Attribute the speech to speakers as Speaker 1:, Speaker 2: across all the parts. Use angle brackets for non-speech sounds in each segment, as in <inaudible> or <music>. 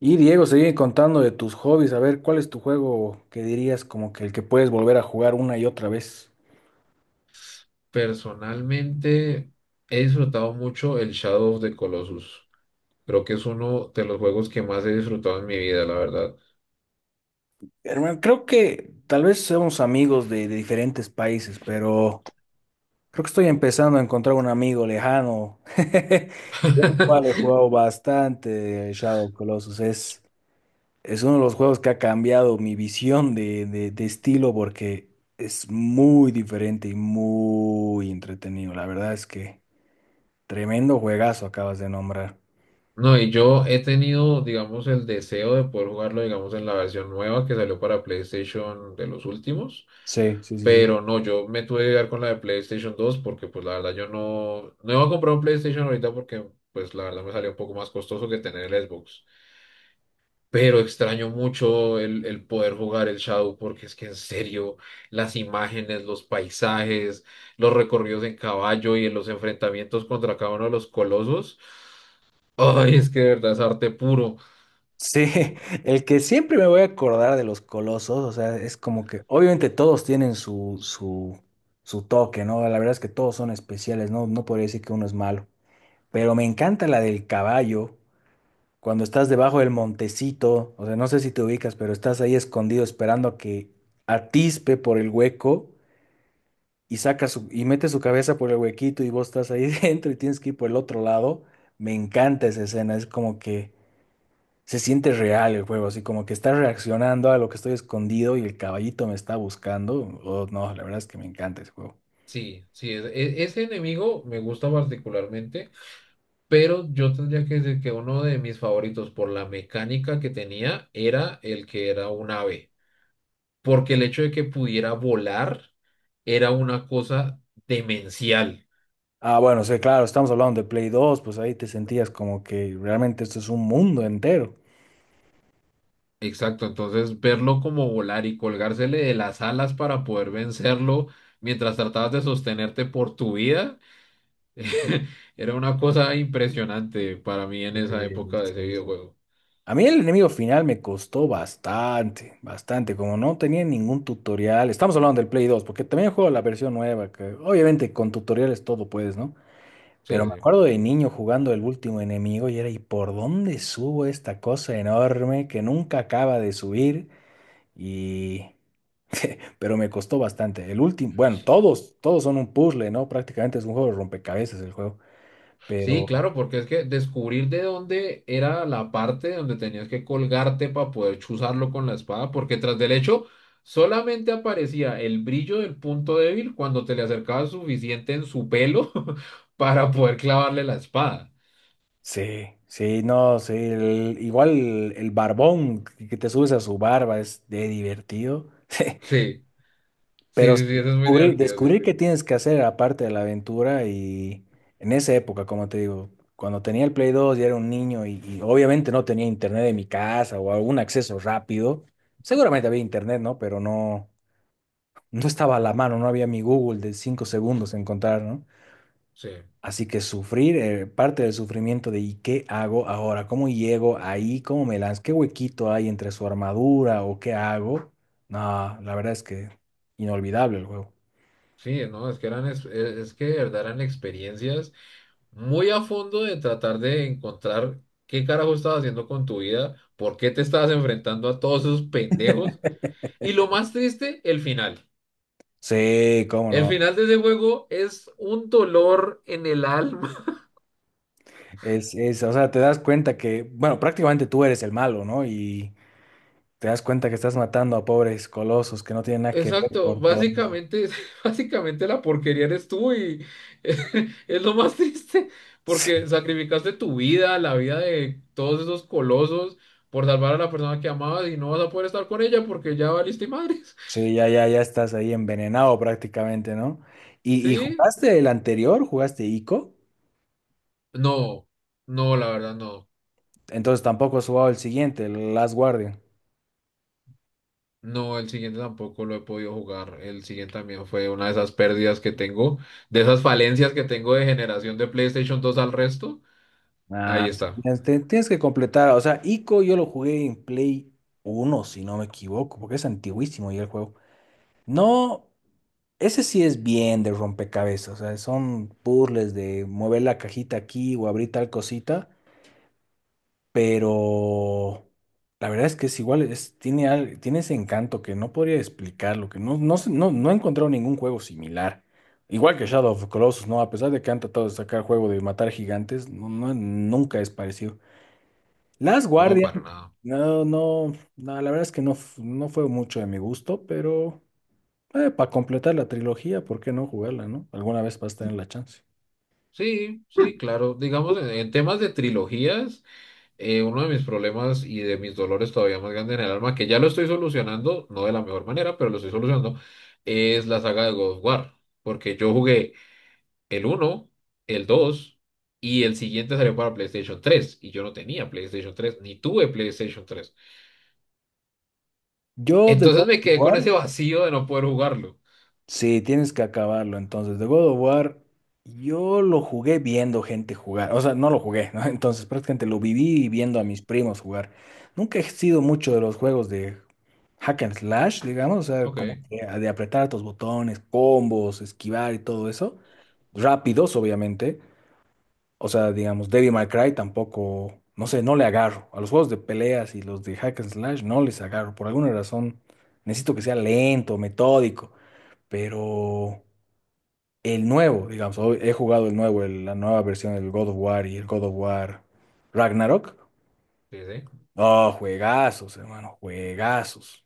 Speaker 1: Y Diego, sigue contando de tus hobbies, a ver, ¿cuál es tu juego que dirías como que el que puedes volver a jugar una y otra vez?
Speaker 2: Personalmente he disfrutado mucho el Shadow of the Colossus. Creo que es uno de los juegos que más he disfrutado en mi vida, la verdad.
Speaker 1: Hermano, creo que tal vez somos amigos de diferentes países, pero creo que estoy empezando a encontrar un amigo lejano. <laughs> Yo igual he jugado bastante Shadow of Colossus, es uno de los juegos que ha cambiado mi visión de estilo porque es muy diferente y muy entretenido. La verdad es que tremendo juegazo acabas de nombrar.
Speaker 2: No, y yo he tenido, digamos, el deseo de poder jugarlo, digamos, en la versión nueva que salió para PlayStation de los últimos.
Speaker 1: Sí, sí, sí, sí.
Speaker 2: Pero no, yo me tuve que quedar con la de PlayStation 2 porque, pues, la verdad, yo no iba a comprar un PlayStation ahorita porque, pues, la verdad me salió un poco más costoso que tener el Xbox. Pero extraño mucho el poder jugar el Shadow porque es que en serio, las imágenes, los paisajes, los recorridos en caballo y en los enfrentamientos contra cada uno de los colosos, ay, es que de verdad es arte puro.
Speaker 1: Sí, <laughs> el que siempre me voy a acordar de los colosos, o sea, es como que obviamente todos tienen su toque, ¿no? La verdad es que todos son especiales, ¿no? No podría decir que uno es malo, pero me encanta la del caballo, cuando estás debajo del montecito, o sea, no sé si te ubicas, pero estás ahí escondido esperando a que atispe por el hueco y y mete su cabeza por el huequito y vos estás ahí <laughs> dentro y tienes que ir por el otro lado. Me encanta esa escena, es como que se siente real el juego, así como que está reaccionando a lo que estoy escondido y el caballito me está buscando. Oh, no, la verdad es que me encanta ese juego.
Speaker 2: Sí, sí, ese enemigo me gusta particularmente, pero yo tendría que decir que uno de mis favoritos por la mecánica que tenía era el que era un ave, porque el hecho de que pudiera volar era una cosa demencial.
Speaker 1: Ah, bueno, sí, claro, estamos hablando de Play 2, pues ahí te sentías como que realmente esto es un mundo entero.
Speaker 2: Exacto, entonces verlo como volar y colgársele de las alas para poder vencerlo mientras tratabas de sostenerte por tu vida era una cosa impresionante para mí en esa época de ese
Speaker 1: Sí, sí.
Speaker 2: videojuego.
Speaker 1: A mí el enemigo final me costó bastante, bastante, como no tenía ningún tutorial. Estamos hablando del Play 2 porque también juego la versión nueva, que obviamente con tutoriales todo puedes, ¿no?
Speaker 2: Sí,
Speaker 1: Pero me
Speaker 2: sí.
Speaker 1: acuerdo de niño jugando el último enemigo y era, ¿y por dónde subo esta cosa enorme que nunca acaba de subir? Y... Pero me costó bastante. El último, bueno, todos son un puzzle, ¿no? Prácticamente es un juego de rompecabezas el juego.
Speaker 2: Sí,
Speaker 1: Pero
Speaker 2: claro, porque es que descubrir de dónde era la parte donde tenías que colgarte para poder chuzarlo con la espada, porque tras del hecho solamente aparecía el brillo del punto débil cuando te le acercabas suficiente en su pelo <laughs> para poder clavarle la espada.
Speaker 1: sí, sí, no, sí. Igual el barbón que te subes a su barba es de divertido. <laughs>
Speaker 2: Sí, sí,
Speaker 1: Pero sí,
Speaker 2: sí, sí, eso es muy
Speaker 1: descubrir,
Speaker 2: divertido, sí.
Speaker 1: descubrir qué tienes que hacer aparte de la aventura y en esa época, como te digo, cuando tenía el Play 2 y era un niño y obviamente no tenía internet en mi casa o algún acceso rápido, seguramente había internet, ¿no? Pero no, no estaba a la mano, no había mi Google de 5 segundos en encontrar, ¿no?
Speaker 2: Sí,
Speaker 1: Así que sufrir, parte del sufrimiento de ¿y qué hago ahora? ¿Cómo llego ahí? ¿Cómo me lanzo? ¿Qué huequito hay entre su armadura o qué hago? No, la verdad es que inolvidable el juego.
Speaker 2: sí, no, es que eran, es que de verdad eran experiencias muy a fondo de tratar de encontrar qué carajo estabas haciendo con tu vida, por qué te estabas enfrentando a todos esos pendejos. Y lo más triste, el final.
Speaker 1: Sí, cómo
Speaker 2: El
Speaker 1: no.
Speaker 2: final de ese juego es un dolor en el alma.
Speaker 1: Es, o sea, te das cuenta que, bueno, prácticamente tú eres el malo, ¿no? Y te das cuenta que estás matando a pobres colosos que no tienen
Speaker 2: <laughs>
Speaker 1: nada que ver
Speaker 2: Exacto,
Speaker 1: por todo. <laughs>
Speaker 2: básicamente, <laughs> básicamente la porquería eres tú y <laughs> es lo más triste porque
Speaker 1: Sí,
Speaker 2: sacrificaste tu vida, la vida de todos esos colosos por salvar a la persona que amabas y no vas a poder estar con ella porque ya valiste madres. <laughs>
Speaker 1: sí, ya, ya, ya estás ahí envenenado prácticamente, ¿no? ¿Y
Speaker 2: Sí,
Speaker 1: jugaste el anterior? ¿Jugaste Ico?
Speaker 2: no, no, la verdad no.
Speaker 1: Entonces tampoco has jugado el siguiente, el Last Guardian.
Speaker 2: No, el siguiente tampoco lo he podido jugar. El siguiente también fue una de esas pérdidas que tengo, de esas falencias que tengo de generación de PlayStation 2 al resto. Ahí
Speaker 1: Ah, sí,
Speaker 2: está.
Speaker 1: tienes que completar, o sea, Ico yo lo jugué en Play 1 si no me equivoco, porque es antiguísimo ya el juego. No, ese sí es bien de rompecabezas, o sea, son puzzles de mover la cajita aquí o abrir tal cosita, pero la verdad es que es igual, tiene ese encanto que no podría explicarlo, que no, no, no, no he encontrado ningún juego similar. Igual que Shadow of the Colossus, ¿no? A pesar de que han tratado de sacar juego de matar gigantes, no, nunca es parecido. Last
Speaker 2: No,
Speaker 1: Guardian,
Speaker 2: para nada.
Speaker 1: no, no, no, la verdad es que no, no fue mucho de mi gusto, pero para completar la trilogía, ¿por qué no jugarla, no? Alguna vez vas a tener la chance.
Speaker 2: Sí, sí, claro. Digamos, en temas de trilogías, uno de mis problemas y de mis dolores todavía más grandes en el alma, que ya lo estoy solucionando, no de la mejor manera, pero lo estoy solucionando, es la saga de God of War. Porque yo jugué el uno, el 2 y el siguiente salió para PlayStation 3 y yo no tenía PlayStation 3 ni tuve PlayStation 3.
Speaker 1: Yo de God
Speaker 2: Entonces me
Speaker 1: of
Speaker 2: quedé con ese
Speaker 1: War,
Speaker 2: vacío de no poder jugarlo.
Speaker 1: sí, tienes que acabarlo. Entonces, de God of War, yo lo jugué viendo gente jugar. O sea, no lo jugué, ¿no? <laughs> Entonces, prácticamente lo viví viendo a mis primos jugar. Nunca he sido mucho de los juegos de hack and slash, digamos, o sea,
Speaker 2: Ok,
Speaker 1: como que de apretar tus botones, combos, esquivar y todo eso. Rápidos, obviamente. O sea, digamos, Devil May Cry tampoco, no sé, no le agarro. A los juegos de peleas y los de hack and slash no les agarro. Por alguna razón necesito que sea lento, metódico. Pero el nuevo, digamos, hoy he jugado el nuevo, la nueva versión del God of War y el God of War Ragnarok.
Speaker 2: sí, sí.
Speaker 1: Oh, juegazos, hermano, juegazos.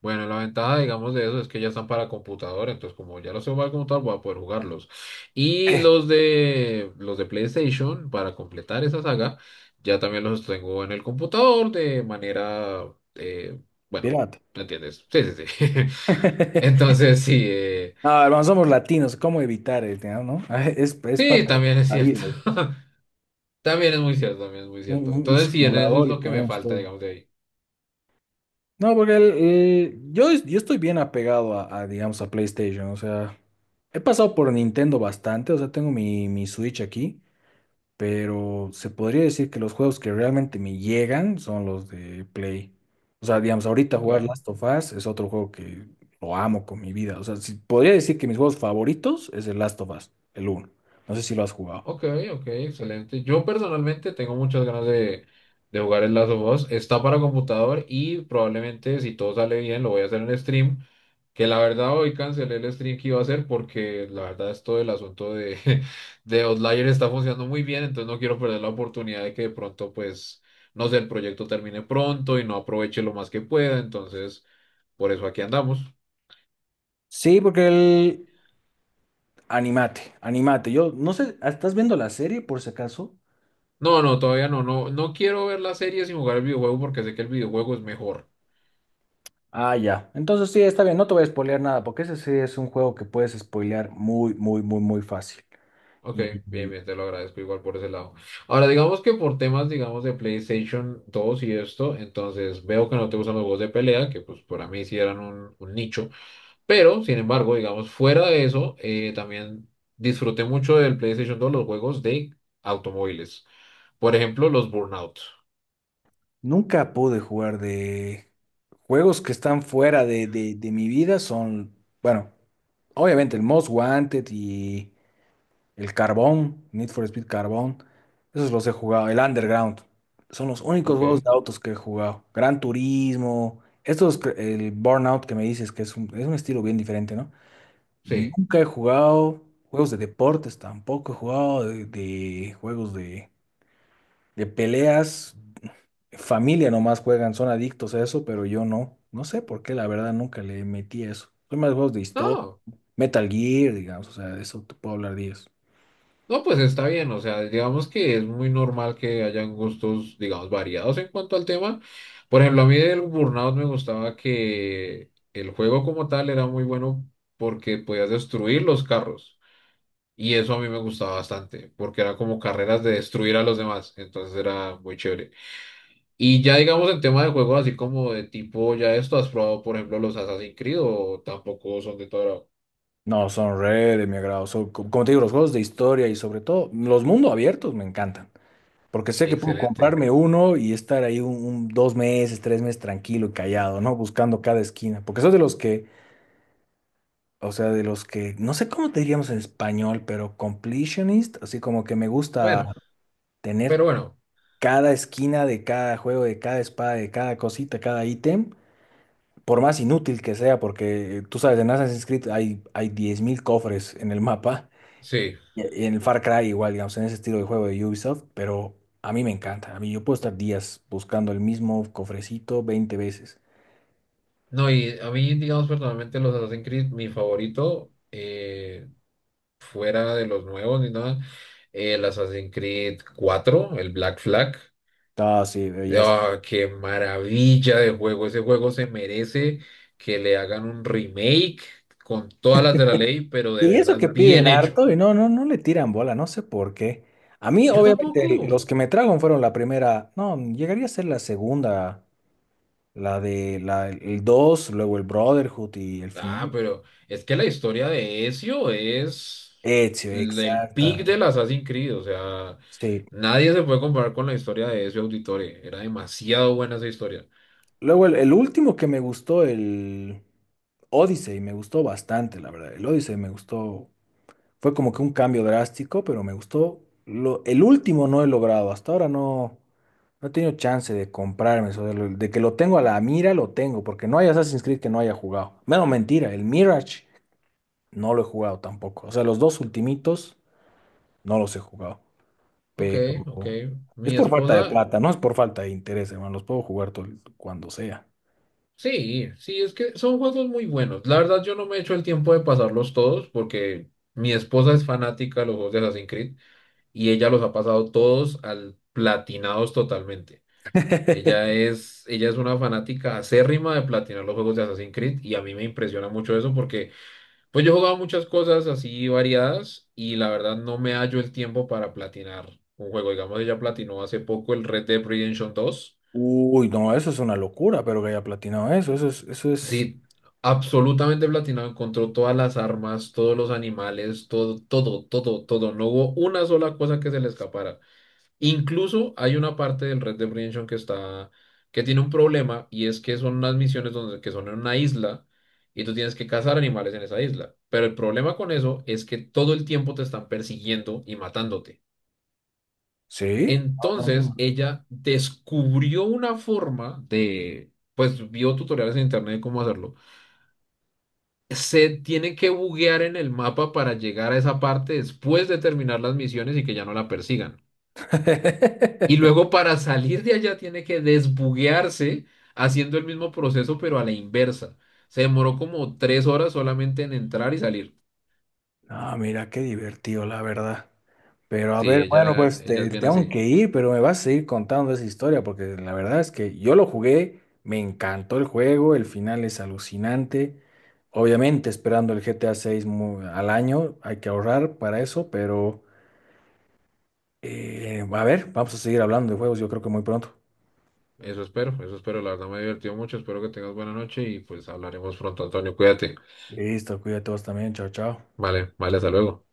Speaker 2: Bueno, la ventaja, digamos, de eso es que ya están para computadora, entonces como ya los sé jugar como tal, voy a poder jugarlos. Y
Speaker 1: Eh.
Speaker 2: los de PlayStation, para completar esa saga, ya también los tengo en el computador de manera, bueno,
Speaker 1: Pirata.
Speaker 2: ¿me entiendes? Sí, sí, sí. <laughs>
Speaker 1: <laughs>
Speaker 2: Entonces, sí,
Speaker 1: No, hermano, somos latinos, ¿cómo evitar el tema, no? <laughs> Es
Speaker 2: sí,
Speaker 1: parte de
Speaker 2: también es
Speaker 1: la
Speaker 2: cierto.
Speaker 1: vida.
Speaker 2: <laughs> También es muy cierto, también es muy
Speaker 1: Un,
Speaker 2: cierto.
Speaker 1: un- un
Speaker 2: Entonces, sí, en eso es
Speaker 1: simulador
Speaker 2: lo
Speaker 1: y
Speaker 2: que me
Speaker 1: tenemos
Speaker 2: falta,
Speaker 1: todo.
Speaker 2: digamos, de ahí.
Speaker 1: No, porque yo estoy bien apegado a, digamos, a PlayStation. O sea, he pasado por Nintendo bastante. O sea, tengo mi Switch aquí. Pero se podría decir que los juegos que realmente me llegan son los de Play. O sea, digamos, ahorita
Speaker 2: Ok,
Speaker 1: jugar Last of Us es otro juego que lo amo con mi vida. O sea, sí, podría decir que mis juegos favoritos es el Last of Us, el uno. No sé si lo has jugado.
Speaker 2: ok, ok, excelente. Yo personalmente tengo muchas ganas de jugar el Last of Us. Está para computador y probablemente, si todo sale bien, lo voy a hacer en stream. Que la verdad hoy cancelé el stream que iba a hacer porque la verdad es todo el asunto de, <laughs> de Outlier está funcionando muy bien, entonces no quiero perder la oportunidad de que de pronto pues, no sé, el proyecto termine pronto y no aproveche lo más que pueda, entonces por eso aquí andamos.
Speaker 1: Sí, Animate, animate. Yo no sé, ¿estás viendo la serie por si acaso?
Speaker 2: No, no, todavía no, no quiero ver las series y jugar el videojuego porque sé que el videojuego es mejor.
Speaker 1: Ah, ya. Entonces sí, está bien, no te voy a spoilear nada, porque ese sí es un juego que puedes spoilear muy, muy, muy, muy fácil.
Speaker 2: Ok,
Speaker 1: Y,
Speaker 2: bien,
Speaker 1: y
Speaker 2: bien, te lo agradezco igual por ese lado. Ahora, digamos que por temas, digamos, de PlayStation 2 y esto, entonces veo que no te gustan los juegos de pelea, que pues para mí sí eran un nicho. Pero, sin embargo, digamos, fuera de eso, también disfruté mucho del PlayStation 2 los juegos de automóviles. Por ejemplo, los Burnout.
Speaker 1: nunca pude jugar de juegos que están fuera de mi vida, son, bueno, obviamente el Most Wanted y el Carbón, Need for Speed Carbón, esos los he jugado, el Underground, son los únicos
Speaker 2: Ok,
Speaker 1: juegos de autos que he jugado. Gran Turismo, estos, el Burnout que me dices que es un estilo bien diferente, ¿no?
Speaker 2: sí.
Speaker 1: Nunca he jugado juegos de deportes, tampoco he jugado de juegos de peleas. Familia nomás juegan, son adictos a eso, pero yo no. No sé por qué, la verdad, nunca le metí a eso. Son más juegos de historia,
Speaker 2: No,
Speaker 1: Metal Gear, digamos, o sea, de eso te puedo hablar 10.
Speaker 2: no, pues está bien. O sea, digamos que es muy normal que hayan gustos, digamos, variados en cuanto al tema. Por ejemplo, a mí del Burnout me gustaba que el juego como tal era muy bueno porque podías destruir los carros. Y eso a mí me gustaba bastante, porque era como carreras de destruir a los demás. Entonces era muy chévere. Y ya digamos en tema de juegos así como de tipo, ¿ya esto has probado, por ejemplo, los Assassin's Creed o tampoco son de todo agrado?
Speaker 1: No, son re de mi agrado. Como te digo, los juegos de historia y sobre todo los mundos abiertos me encantan. Porque sé que puedo
Speaker 2: Excelente.
Speaker 1: comprarme uno y estar ahí un, 2 meses, 3 meses tranquilo y callado, ¿no? Buscando cada esquina. Porque soy de los que. O sea, de los que, no sé cómo te diríamos en español, pero completionist, así como que me gusta
Speaker 2: Bueno, pero
Speaker 1: tener
Speaker 2: bueno,
Speaker 1: cada esquina de cada juego, de cada espada, de cada cosita, cada ítem, por más inútil que sea, porque tú sabes, en Assassin's Creed hay 10,000 cofres en el mapa,
Speaker 2: sí.
Speaker 1: y en el Far Cry igual, digamos, en ese estilo de juego de Ubisoft, pero a mí me encanta, a mí yo puedo estar días buscando el mismo cofrecito 20 veces.
Speaker 2: No, y a mí, digamos, personalmente los Assassin's Creed, mi favorito, fuera de los nuevos ni nada, el Assassin's Creed 4 el Black Flag.
Speaker 1: Ah, sí, belleza.
Speaker 2: ¡Ah, qué maravilla de juego! Ese juego se merece que le hagan un remake con todas las de la ley, pero de
Speaker 1: Y eso
Speaker 2: verdad
Speaker 1: que piden
Speaker 2: bien hecho.
Speaker 1: harto y no, no, no le tiran bola, no sé por qué. A mí,
Speaker 2: Yo
Speaker 1: obviamente,
Speaker 2: tampoco.
Speaker 1: los que me tragan fueron la primera, no, llegaría a ser la segunda, el 2 luego el Brotherhood y el
Speaker 2: Ah,
Speaker 1: final.
Speaker 2: pero es que la historia de Ezio es
Speaker 1: Ezio,
Speaker 2: el pic
Speaker 1: exacta.
Speaker 2: del Assassin's Creed, o sea,
Speaker 1: Sí.
Speaker 2: nadie se puede comparar con la historia de Ezio Auditore, era demasiado buena esa historia.
Speaker 1: Luego el último que me gustó, el Odyssey, me gustó bastante, la verdad. El Odyssey me gustó. Fue como que un cambio drástico, pero me gustó. El último no he logrado. Hasta ahora no, no he tenido chance de comprarme eso. De que lo tengo a la mira, lo tengo. Porque no hay Assassin's Creed que no haya jugado. Menos mentira, el Mirage no lo he jugado tampoco. O sea, los dos ultimitos no los he jugado.
Speaker 2: Ok,
Speaker 1: Pero
Speaker 2: ok,
Speaker 1: es
Speaker 2: mi
Speaker 1: por falta de
Speaker 2: esposa,
Speaker 1: plata, no es por falta de interés, hermano. Los puedo jugar todo, cuando sea.
Speaker 2: sí, sí, es que son juegos muy buenos. La verdad yo no me he hecho el tiempo de pasarlos todos porque mi esposa es fanática de los juegos de Assassin's Creed y ella los ha pasado todos al platinados totalmente. Ella
Speaker 1: <laughs>
Speaker 2: es, ella es una fanática acérrima de platinar los juegos de Assassin's Creed y a mí me impresiona mucho eso porque pues yo he jugado muchas cosas así variadas y la verdad no me hallo el tiempo para platinar un juego. Digamos, ella platinó hace poco el Red Dead Redemption 2.
Speaker 1: Uy, no, eso es una locura, pero que haya platinado eso. Eso es, eso es.
Speaker 2: Sí, absolutamente platinado, encontró todas las armas, todos los animales, todo, todo, todo, todo. No hubo una sola cosa que se le escapara. Incluso hay una parte del Red Dead Redemption que tiene un problema y es que son unas misiones que son en una isla y tú tienes que cazar animales en esa isla. Pero el problema con eso es que todo el tiempo te están persiguiendo y matándote.
Speaker 1: ¿Sí? No, no,
Speaker 2: Entonces
Speaker 1: no.
Speaker 2: ella descubrió una forma pues vio tutoriales en internet de cómo hacerlo. Se tiene que buguear en el mapa para llegar a esa parte después de terminar las misiones y que ya no la persigan. Y
Speaker 1: <laughs>
Speaker 2: luego para salir de allá tiene que desbuguearse haciendo el mismo proceso, pero a la inversa. Se demoró como 3 horas solamente en entrar y salir.
Speaker 1: Ah, mira, qué divertido, la verdad. Pero a
Speaker 2: Sí,
Speaker 1: ver, bueno,
Speaker 2: ella,
Speaker 1: pues
Speaker 2: ella es bien
Speaker 1: tengo
Speaker 2: así.
Speaker 1: que ir, pero me vas a seguir contando esa historia, porque la verdad es que yo lo jugué, me encantó el juego, el final es alucinante. Obviamente, esperando el GTA 6 al año, hay que ahorrar para eso, pero a ver, vamos a seguir hablando de juegos, yo creo que muy pronto.
Speaker 2: Eso espero, eso espero. La verdad me divertido mucho. Espero que tengas buena noche y pues hablaremos pronto, Antonio. Cuídate.
Speaker 1: Listo, cuídate todos también, chao, chao.
Speaker 2: Vale, vale, hasta luego.